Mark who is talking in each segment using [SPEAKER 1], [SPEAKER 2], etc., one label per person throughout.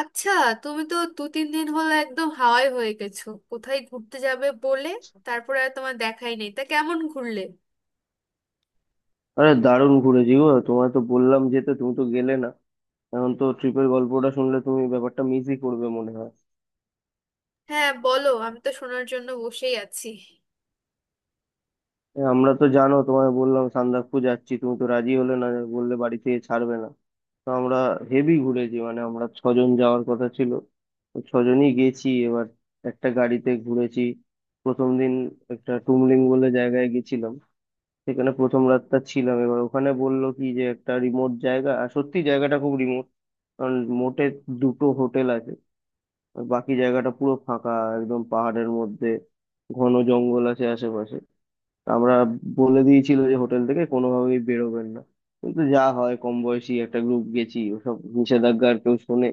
[SPEAKER 1] আচ্ছা, তুমি তো দু তিন দিন হলো একদম হাওয়াই হয়ে গেছো, কোথায় ঘুরতে যাবে বলে তারপরে আর তোমার দেখাই নেই। তা কেমন ঘুরলে?
[SPEAKER 2] আরে দারুণ ঘুরেছি গো, তোমায় তো বললাম যেতে, তুমি তো গেলে না। এখন তো ট্রিপের গল্পটা শুনলে তুমি ব্যাপারটা মিসই করবে মনে হয়।
[SPEAKER 1] হ্যাঁ, বলো, আমি তো শোনার জন্য বসেই আছি।
[SPEAKER 2] আমরা তো, জানো, তোমায় বললাম সান্দাকফু যাচ্ছি, তুমি তো রাজি হলে না, বললে বাড়ি থেকে ছাড়বে না। তো আমরা হেভি ঘুরেছি। মানে আমরা ছজন যাওয়ার কথা ছিল, তো ছজনই গেছি এবার। একটা গাড়িতে ঘুরেছি। প্রথম দিন একটা টুমলিং বলে জায়গায় গেছিলাম, সেখানে প্রথম রাতটা ছিলাম। এবার ওখানে বললো কি যে একটা রিমোট জায়গা, আর সত্যি জায়গাটা খুব রিমোট। কারণ মোটে দুটো হোটেল আছে, আর বাকি জায়গাটা পুরো ফাঁকা। একদম পাহাড়ের মধ্যে ঘন জঙ্গল আছে আশেপাশে। তা আমরা, বলে দিয়েছিল যে হোটেল থেকে কোনোভাবেই বেরোবেন না, কিন্তু যা হয়, কম বয়সী একটা গ্রুপ গেছি, ওসব নিষেধাজ্ঞা আর কেউ শোনে।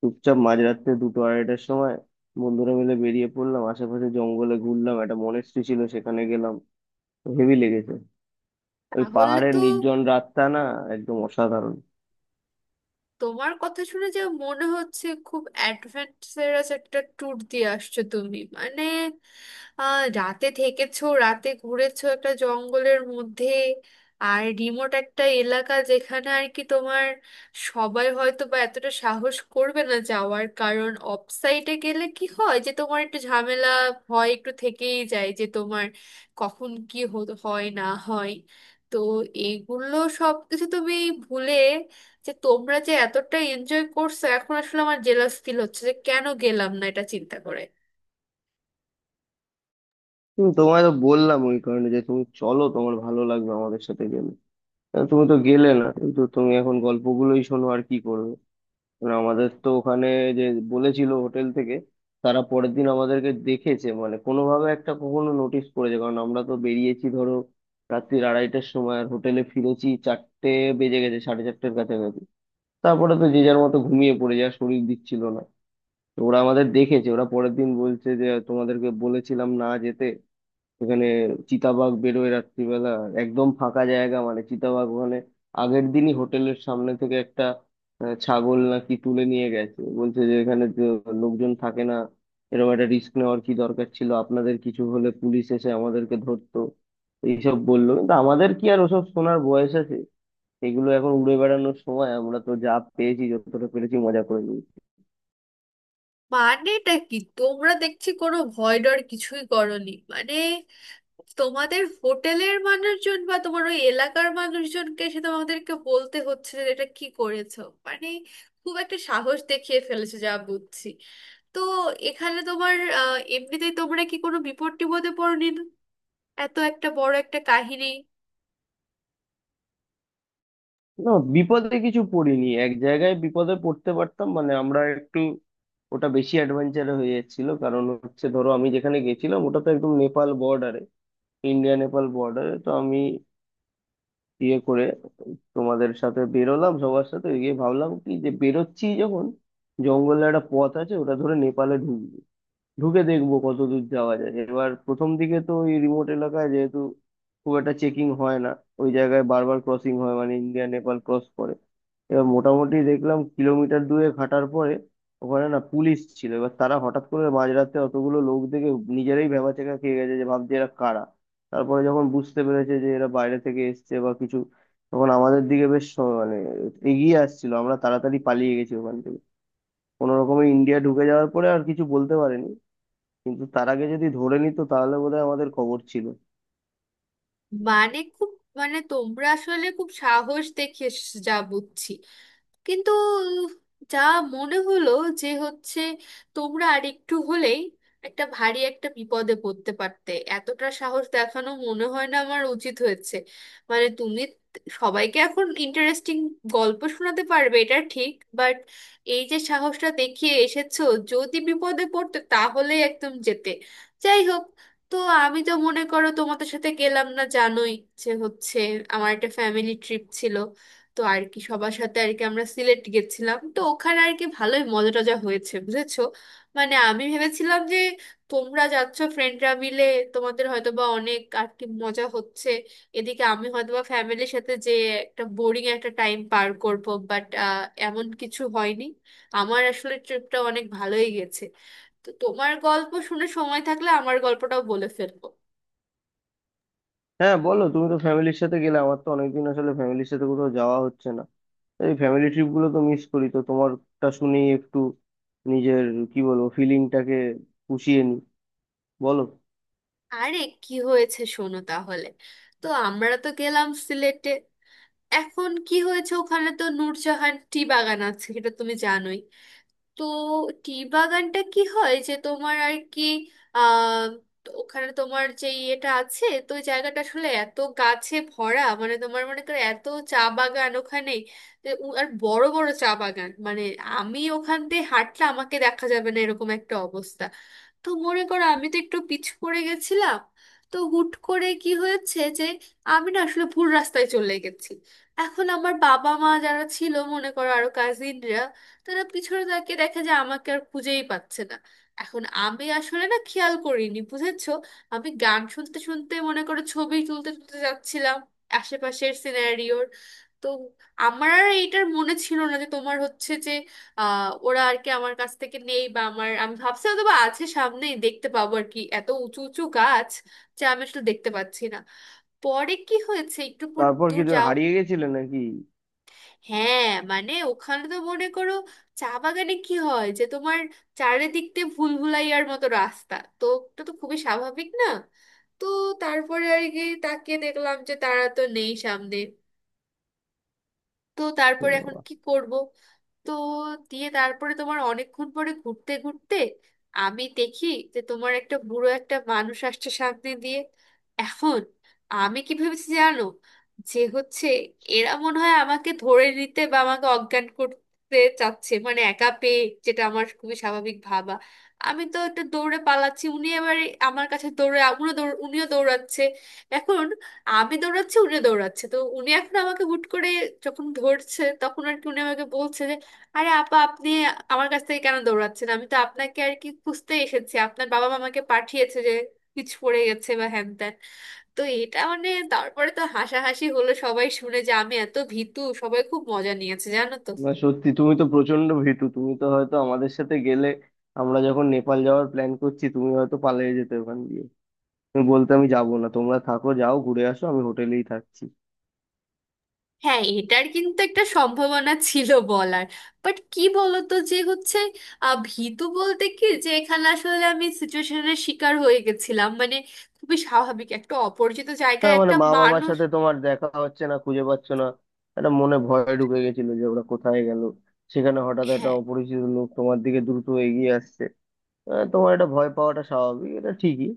[SPEAKER 2] চুপচাপ মাঝরাত্রে দুটো আড়াইটার সময় বন্ধুরা মিলে বেরিয়ে পড়লাম, আশেপাশে জঙ্গলে ঘুরলাম, একটা মনেস্ট্রি ছিল সেখানে গেলাম। হেভি লেগেছে। ওই
[SPEAKER 1] তাহলে
[SPEAKER 2] পাহাড়ের
[SPEAKER 1] তো
[SPEAKER 2] নির্জন রাতটা না একদম অসাধারণ।
[SPEAKER 1] তোমার কথা শুনে যা মনে হচ্ছে, খুব অ্যাডভেঞ্চারাস একটা ট্যুর দিয়ে আসছো তুমি, মানে রাতে থেকেছো, রাতে ঘুরেছো একটা জঙ্গলের মধ্যে। আর রিমোট একটা এলাকা যেখানে আর কি তোমার, সবাই হয়তো বা এতটা সাহস করবে না যাওয়ার। কারণ অফসাইটে গেলে কি হয় যে তোমার একটু ঝামেলা হয়, একটু থেকেই যায় যে তোমার কখন কি হয় না হয়। তো এগুলো সব কিছু তুমি ভুলে, যে তোমরা যে এতটা এনজয় করছো, এখন আসলে আমার জেলাস ফিল হচ্ছে যে কেন গেলাম না এটা চিন্তা করে।
[SPEAKER 2] তোমায় তো বললাম ওই কারণে যে তুমি চলো, তোমার ভালো লাগবে আমাদের সাথে গেলে। তুমি তো গেলে না, কিন্তু তুমি এখন গল্পগুলোই শোনো, আর কি করবে। মানে আমাদের তো ওখানে, যে বলেছিল হোটেল থেকে, তারা পরের দিন আমাদেরকে দেখেছে, মানে কোনোভাবে একটা কখনো নোটিস করেছে, কারণ আমরা তো বেরিয়েছি ধরো রাত্রির আড়াইটার সময়, আর হোটেলে ফিরেছি চারটে বেজে গেছে, সাড়ে চারটের কাছাকাছি। তারপরে তো যে যার মতো ঘুমিয়ে পড়ে, যা শরীর দিচ্ছিল না। তো ওরা আমাদের দেখেছে, ওরা পরের দিন বলছে যে তোমাদেরকে বলেছিলাম না যেতে, এখানে চিতাবাঘ বেরোয় রাত্রিবেলা, একদম ফাঁকা জায়গা, মানে চিতাবাঘ মানে আগের দিনই হোটেলের সামনে থেকে একটা ছাগল নাকি তুলে নিয়ে গেছে। বলছে যে এখানে তো লোকজন থাকে না, এরকম একটা রিস্ক নেওয়ার কি দরকার ছিল, আপনাদের কিছু হলে পুলিশ এসে আমাদেরকে ধরতো। এইসব বললো, কিন্তু আমাদের কি আর ওসব শোনার বয়স আছে? এগুলো এখন উড়ে বেড়ানোর সময়, আমরা তো যা পেয়েছি যতটা পেরেছি মজা করে নিই।
[SPEAKER 1] মানেটা কি, তোমরা দেখছি কোনো ভয় ডর কিছুই করনি। মানে তোমাদের হোটেলের মানুষজন বা তোমার ওই এলাকার মানুষজনকে এসে তোমাদেরকে বলতে হচ্ছে যে এটা কি করেছো। মানে খুব একটা সাহস দেখিয়ে ফেলেছো যা বুঝছি। তো এখানে তোমার, এমনিতেই তোমরা কি কোনো বিপদ টিপদে পড়নি না? এত একটা বড় একটা কাহিনী।
[SPEAKER 2] না, বিপদে কিছু পড়িনি। এক জায়গায় বিপদে পড়তে পারতাম, মানে আমরা একটু, ওটা বেশি অ্যাডভেঞ্চার হয়ে যাচ্ছিল। কারণ হচ্ছে ধরো, আমি যেখানে গেছিলাম ওটা তো একদম নেপাল বর্ডারে, ইন্ডিয়া নেপাল বর্ডারে। তো আমি ইয়ে করে তোমাদের সাথে বেরোলাম, সবার সাথে গিয়ে ভাবলাম কি, যে বেরোচ্ছি যখন, জঙ্গলে একটা পথ আছে ওটা ধরে নেপালে ঢুকবো, ঢুকে দেখবো কত দূর যাওয়া যায়। এবার প্রথম দিকে তো ওই রিমোট এলাকায় যেহেতু খুব একটা চেকিং হয় না, ওই জায়গায় বারবার ক্রসিং হয়, মানে ইন্ডিয়া নেপাল ক্রস করে। এবার মোটামুটি দেখলাম কিলোমিটার দুয়েক হাঁটার পরে ওখানে না পুলিশ ছিল। এবার তারা হঠাৎ করে মাঝরাতে অতগুলো লোক দেখে নিজেরাই ভ্যাবাচ্যাকা খেয়ে গেছে, যে ভাবছে এরা কারা। তারপরে যখন বুঝতে পেরেছে যে এরা বাইরে থেকে এসছে বা কিছু, তখন আমাদের দিকে বেশ মানে এগিয়ে আসছিল। আমরা তাড়াতাড়ি পালিয়ে গেছি ওখান থেকে, কোনো রকমে ইন্ডিয়া ঢুকে যাওয়ার পরে আর কিছু বলতে পারেনি। কিন্তু তার আগে যদি ধরে নিত তাহলে বোধহয় আমাদের খবর ছিল।
[SPEAKER 1] মানে খুব, মানে তোমরা আসলে খুব সাহস দেখিয়ে এসেছো যা বুঝছি। কিন্তু যা মনে হলো, যে হচ্ছে তোমরা আর একটু হলেই একটা ভারী একটা বিপদে পড়তে পারতে। এতটা সাহস দেখানো মনে হয় না আমার উচিত হয়েছে। মানে তুমি সবাইকে এখন ইন্টারেস্টিং গল্প শোনাতে পারবে এটা ঠিক। বাট এই যে সাহসটা দেখিয়ে এসেছো, যদি বিপদে পড়তে তাহলে একদম যেতে। যাই হোক। তো আমি তো মনে করো তোমাদের সাথে গেলাম না, জানোই যে হচ্ছে আমার একটা ফ্যামিলি ট্রিপ ছিল। তো আর কি সবার সাথে আর কি আমরা সিলেট গেছিলাম। তো ওখানে আর কি ভালোই মজা টজা হয়েছে, বুঝেছো। মানে আমি ভেবেছিলাম যে তোমরা যাচ্ছ ফ্রেন্ডরা মিলে, তোমাদের হয়তো বা অনেক আর কি মজা হচ্ছে, এদিকে আমি হয়তো বা ফ্যামিলির সাথে যে একটা বোরিং একটা টাইম পার করব। বাট এমন কিছু হয়নি, আমার আসলে ট্রিপটা অনেক ভালোই গেছে। তো তোমার গল্প শুনে, সময় থাকলে আমার গল্পটাও বলে ফেলবো।
[SPEAKER 2] হ্যাঁ বলো, তুমি তো ফ্যামিলির সাথে গেলে, আমার তো অনেকদিন আসলে ফ্যামিলির সাথে কোথাও যাওয়া হচ্ছে না। এই ফ্যামিলি ট্রিপ গুলো তো মিস করি, তো তোমারটা শুনেই একটু নিজের কি বলবো, ফিলিংটাকে পুষিয়ে নি। বলো।
[SPEAKER 1] আরে কি হয়েছে শোনো তাহলে। তো আমরা তো গেলাম সিলেটে। এখন কি হয়েছে, ওখানে তো নূরজাহান টি বাগান আছে, সেটা তুমি জানোই। তো টি বাগানটা কি হয় যে তোমার আর কি আহ তো ওখানে তোমার যে ইয়েটা আছে, তো ওই জায়গাটা আসলে এত গাছে ভরা, মানে তোমার মনে করো এত চা বাগান ওখানে, যে আর বড় বড় চা বাগান, মানে আমি ওখান দিয়ে হাঁটলে আমাকে দেখা যাবে না এরকম একটা অবস্থা। তো মনে করো আমি তো একটু পিচ পড়ে গেছিলাম। তো হুট করে কি হয়েছে যে আমি না আসলে ভুল রাস্তায় চলে গেছি। এখন আমার বাবা মা যারা ছিল, মনে করো আরো কাজিনরা, তারা পিছনে তাকিয়ে দেখে যে আমাকে আর খুঁজেই পাচ্ছে না। এখন আমি আসলে না খেয়াল করিনি, বুঝেছো। আমি গান শুনতে শুনতে মনে করো ছবি তুলতে তুলতে যাচ্ছিলাম আশেপাশের সিনারিওর। তো আমার আর এইটার মনে ছিল না যে তোমার হচ্ছে ওরা আর কি আমার কাছ থেকে নেই। বা আমার, আমি ভাবছি হয়তো বা আছে সামনেই দেখতে পাবো আর কি, এত উঁচু উঁচু গাছ যা আমি আসলে দেখতে পাচ্ছি না। পরে কি হয়েছে, একটু
[SPEAKER 2] তারপর কি,
[SPEAKER 1] দূর
[SPEAKER 2] তুমি
[SPEAKER 1] যাও।
[SPEAKER 2] হারিয়ে গেছিলে নাকি?
[SPEAKER 1] হ্যাঁ, মানে ওখানে তো মনে করো চা বাগানে কি হয় যে তোমার চারিদিক দিয়ে ভুলভুলাইয়ার মতো রাস্তা, তো ওটা তো খুবই স্বাভাবিক না। তো তারপরে আর কি তাকিয়ে দেখলাম যে তারা তো নেই সামনে। তো
[SPEAKER 2] এ
[SPEAKER 1] তারপরে এখন
[SPEAKER 2] বাবা।
[SPEAKER 1] কি করব। তো, দিয়ে তারপরে তোমার অনেকক্ষণ পরে ঘুরতে ঘুরতে আমি দেখি যে তোমার একটা বুড়ো একটা মানুষ আসছে সামনে দিয়ে। এখন আমি কি ভেবেছি জানো, যে হচ্ছে এরা মনে হয় আমাকে ধরে নিতে বা আমাকে অজ্ঞান করতে চাচ্ছে, মানে একা পেয়ে, যেটা আমার খুবই স্বাভাবিক ভাবা। আমি তো একটু দৌড়ে পালাচ্ছি, উনি এবারে আমার কাছে দৌড়ে, উনিও দৌড়াচ্ছে। এখন আমি দৌড়াচ্ছি, উনি দৌড়াচ্ছে। তো উনি এখন আমাকে হুট করে যখন ধরছে, তখন আর কি উনি আমাকে বলছে যে, আরে আপা, আপনি আমার কাছ থেকে কেন দৌড়াচ্ছেন, আমি তো আপনাকে আর কি খুঁজতে এসেছি, আপনার বাবা মামাকে পাঠিয়েছে যে কিছু পড়ে গেছে বা হ্যান ত্যান। তো এটা মানে, তারপরে তো হাসাহাসি হলো সবাই শুনে যে আমি এত ভীতু, সবাই খুব মজা নিয়েছে জানো তো।
[SPEAKER 2] না সত্যি, তুমি তো প্রচন্ড ভীতু। তুমি তো হয়তো আমাদের সাথে গেলে, আমরা যখন নেপাল যাওয়ার প্ল্যান করছি, তুমি হয়তো পালিয়ে যেতে ওখান দিয়ে। তুমি বলতে আমি যাবো না, তোমরা থাকো, যাও ঘুরে আসো, আমি হোটেলেই থাকছি।
[SPEAKER 1] হ্যাঁ, এটার কিন্তু একটা সম্ভাবনা ছিল বলার। বাট কি বলতো যে হচ্ছে, ভীতু বলতে কি যে এখানে আসলে আমি সিচুয়েশনের শিকার হয়ে গেছিলাম, মানে খুবই স্বাভাবিক একটা অপরিচিত জায়গায়
[SPEAKER 2] হ্যাঁ, মানে
[SPEAKER 1] একটা
[SPEAKER 2] মা বাবার
[SPEAKER 1] মানুষ।
[SPEAKER 2] সাথে তোমার দেখা হচ্ছে না, খুঁজে পাচ্ছ না, একটা মনে ভয় ঢুকে গেছিল যে ওরা কোথায় গেল, সেখানে হঠাৎ একটা
[SPEAKER 1] হ্যাঁ।
[SPEAKER 2] অপরিচিত লোক তোমার দিকে দ্রুত এগিয়ে আসছে। তোমার এটা ভয় পাওয়াটা স্বাভাবিক, এটা ঠিকই।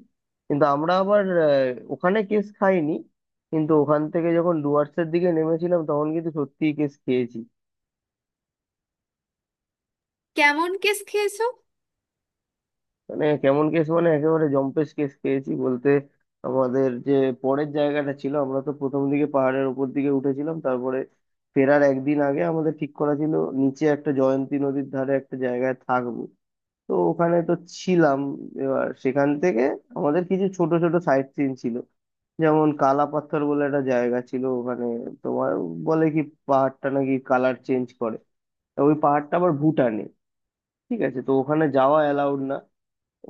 [SPEAKER 2] কিন্তু আমরা আবার, ওখানে কেস খাইনি, কিন্তু ওখান থেকে যখন ডুয়ার্সের দিকে নেমেছিলাম তখন কিন্তু সত্যিই কেস খেয়েছি।
[SPEAKER 1] কেমন কেস খেয়েছো?
[SPEAKER 2] মানে কেমন কেস মানে একেবারে জম্পেশ কেস পেয়েছি বলতে। আমাদের যে পরের জায়গাটা ছিল, আমরা তো প্রথম দিকে পাহাড়ের উপর দিকে উঠেছিলাম, তারপরে ফেরার একদিন আগে আমাদের ঠিক করা ছিল নিচে একটা জয়ন্তী নদীর ধারে একটা জায়গায় থাকবো। তো ওখানে তো ছিলাম। এবার সেখান থেকে আমাদের কিছু ছোট ছোট সাইট সিন ছিল, যেমন কালা পাথর বলে একটা জায়গা ছিল ওখানে। তোমার, বলে কি, পাহাড়টা নাকি কালার চেঞ্জ করে। তা ওই পাহাড়টা আবার ভুটানে, ঠিক আছে, তো ওখানে যাওয়া অ্যালাউড না,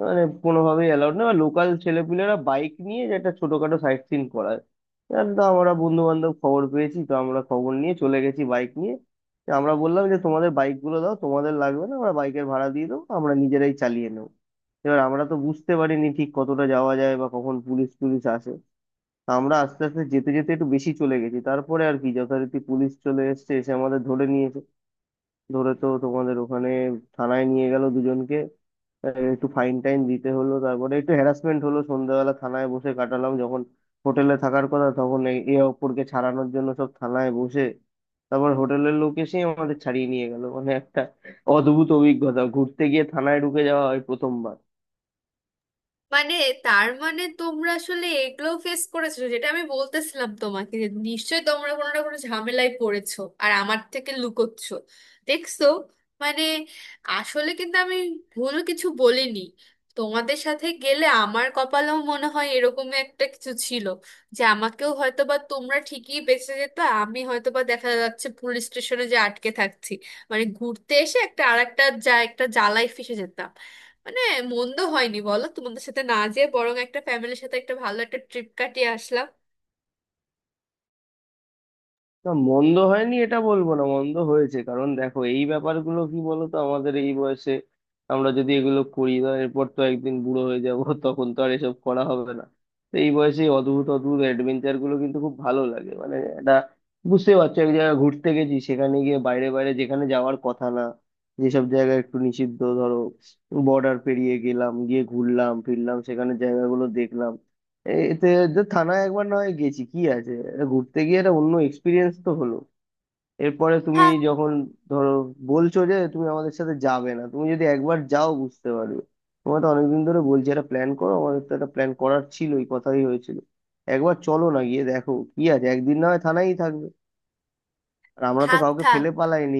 [SPEAKER 2] মানে কোনোভাবেই অ্যালাউড না। লোকাল ছেলেপুলেরা বাইক নিয়ে যে একটা ছোটখাটো সাইট সিন করায়, আর তো আমরা বন্ধু বান্ধব খবর পেয়েছি, তো আমরা খবর নিয়ে চলে গেছি বাইক নিয়ে। তো আমরা বললাম যে তোমাদের বাইক গুলো দাও, তোমাদের লাগবে না, আমরা বাইকের ভাড়া দিয়ে দেবো, আমরা নিজেরাই চালিয়ে নেবো। এবার আমরা তো বুঝতে পারিনি ঠিক কতটা যাওয়া যায় বা কখন পুলিশ টুলিশ আসে। তা আমরা আস্তে আস্তে যেতে যেতে একটু বেশি চলে গেছি, তারপরে আর কি যথারীতি পুলিশ চলে এসেছে, এসে আমাদের ধরে নিয়েছে। ধরে তো তোমাদের ওখানে থানায় নিয়ে গেল দুজনকে। আহ, একটু ফাইন টাইন দিতে হলো, তারপরে একটু হ্যারাসমেন্ট হলো, সন্ধ্যাবেলা থানায় বসে কাটালাম যখন হোটেলে থাকার কথা, তখন এ এ অপরকে ছাড়ানোর জন্য সব থানায় বসে। তারপর হোটেলের লোক এসে আমাদের ছাড়িয়ে নিয়ে গেল। মানে একটা অদ্ভুত অভিজ্ঞতা, ঘুরতে গিয়ে থানায় ঢুকে যাওয়া হয় প্রথমবার।
[SPEAKER 1] মানে তার মানে তোমরা আসলে এগুলো ফেস করেছো, যেটা আমি বলতেছিলাম তোমাকে যে নিশ্চয়ই তোমরা কোনো না কোনো ঝামেলায় পড়েছো আর আমার থেকে লুকোচ্ছ। দেখছো? মানে আসলে কিন্তু আমি ভুল কিছু বলিনি। তোমাদের সাথে গেলে আমার কপালেও মনে হয় এরকম একটা কিছু ছিল, যে আমাকেও হয়তোবা, তোমরা ঠিকই বেঁচে যেত, আমি হয়তোবা দেখা যাচ্ছে পুলিশ স্টেশনে যে আটকে থাকছি। মানে ঘুরতে এসে একটা আর একটা যা, একটা জ্বালায় ফেঁসে যেতাম। মানে মন্দ হয়নি বলো, তোমাদের সাথে না যেয়ে বরং একটা ফ্যামিলির সাথে একটা ভালো একটা ট্রিপ কাটিয়ে আসলাম।
[SPEAKER 2] না মন্দ হয়নি এটা বলবো, না মন্দ হয়েছে, কারণ দেখো এই ব্যাপারগুলো কি বলতো, আমাদের এই বয়সে আমরা যদি এগুলো করি, তো এরপর তো একদিন বুড়ো হয়ে যাব তখন তো আর এসব করা হবে না। তো এই বয়সে এই অদ্ভুত অদ্ভুত অ্যাডভেঞ্চার গুলো কিন্তু খুব ভালো লাগে। মানে এটা বুঝতে পারছো, এক জায়গায় ঘুরতে গেছি, সেখানে গিয়ে বাইরে বাইরে যেখানে যাওয়ার কথা না, যেসব জায়গা একটু নিষিদ্ধ ধরো, বর্ডার পেরিয়ে গেলাম, গিয়ে ঘুরলাম ফিরলাম, সেখানে জায়গাগুলো দেখলাম। এতে, তো থানায় একবার না হয় গেছি, কি আছে, এটা ঘুরতে গিয়ে একটা অন্য এক্সপিরিয়েন্স তো হলো। এরপরে তুমি
[SPEAKER 1] থাক,
[SPEAKER 2] যখন ধরো বলছো যে তুমি আমাদের সাথে যাবে না, তুমি যদি একবার যাও বুঝতে পারবে। তোমার তো অনেকদিন ধরে বলছি একটা প্ল্যান করো, আমাদের তো একটা প্ল্যান করার ছিল, এই কথাই হয়েছিল। একবার চলো না গিয়ে দেখো কি আছে, একদিন না হয় থানায়ই থাকবে। আর আমরা তো
[SPEAKER 1] থাক,
[SPEAKER 2] কাউকে
[SPEAKER 1] থাক।
[SPEAKER 2] ফেলে পালাইনি,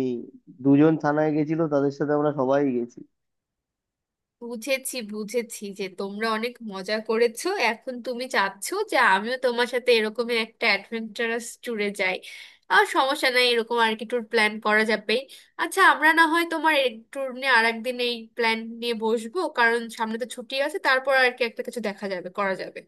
[SPEAKER 2] দুজন থানায় গেছিল তাদের সাথে আমরা সবাই গেছি।
[SPEAKER 1] বুঝেছি, বুঝেছি যে তোমরা অনেক মজা করেছো, এখন তুমি চাচ্ছো যে আমিও তোমার সাথে এরকম একটা অ্যাডভেঞ্চারাস ট্যুরে যাই। আর সমস্যা নাই, এরকম আর কি ট্যুর প্ল্যান করা যাবে। আচ্ছা, আমরা না হয় তোমার এই ট্যুর নিয়ে আর একদিন, এই প্ল্যান নিয়ে বসবো। কারণ সামনে তো ছুটি আছে, তারপর আর কি একটা কিছু দেখা যাবে, করা যাবে।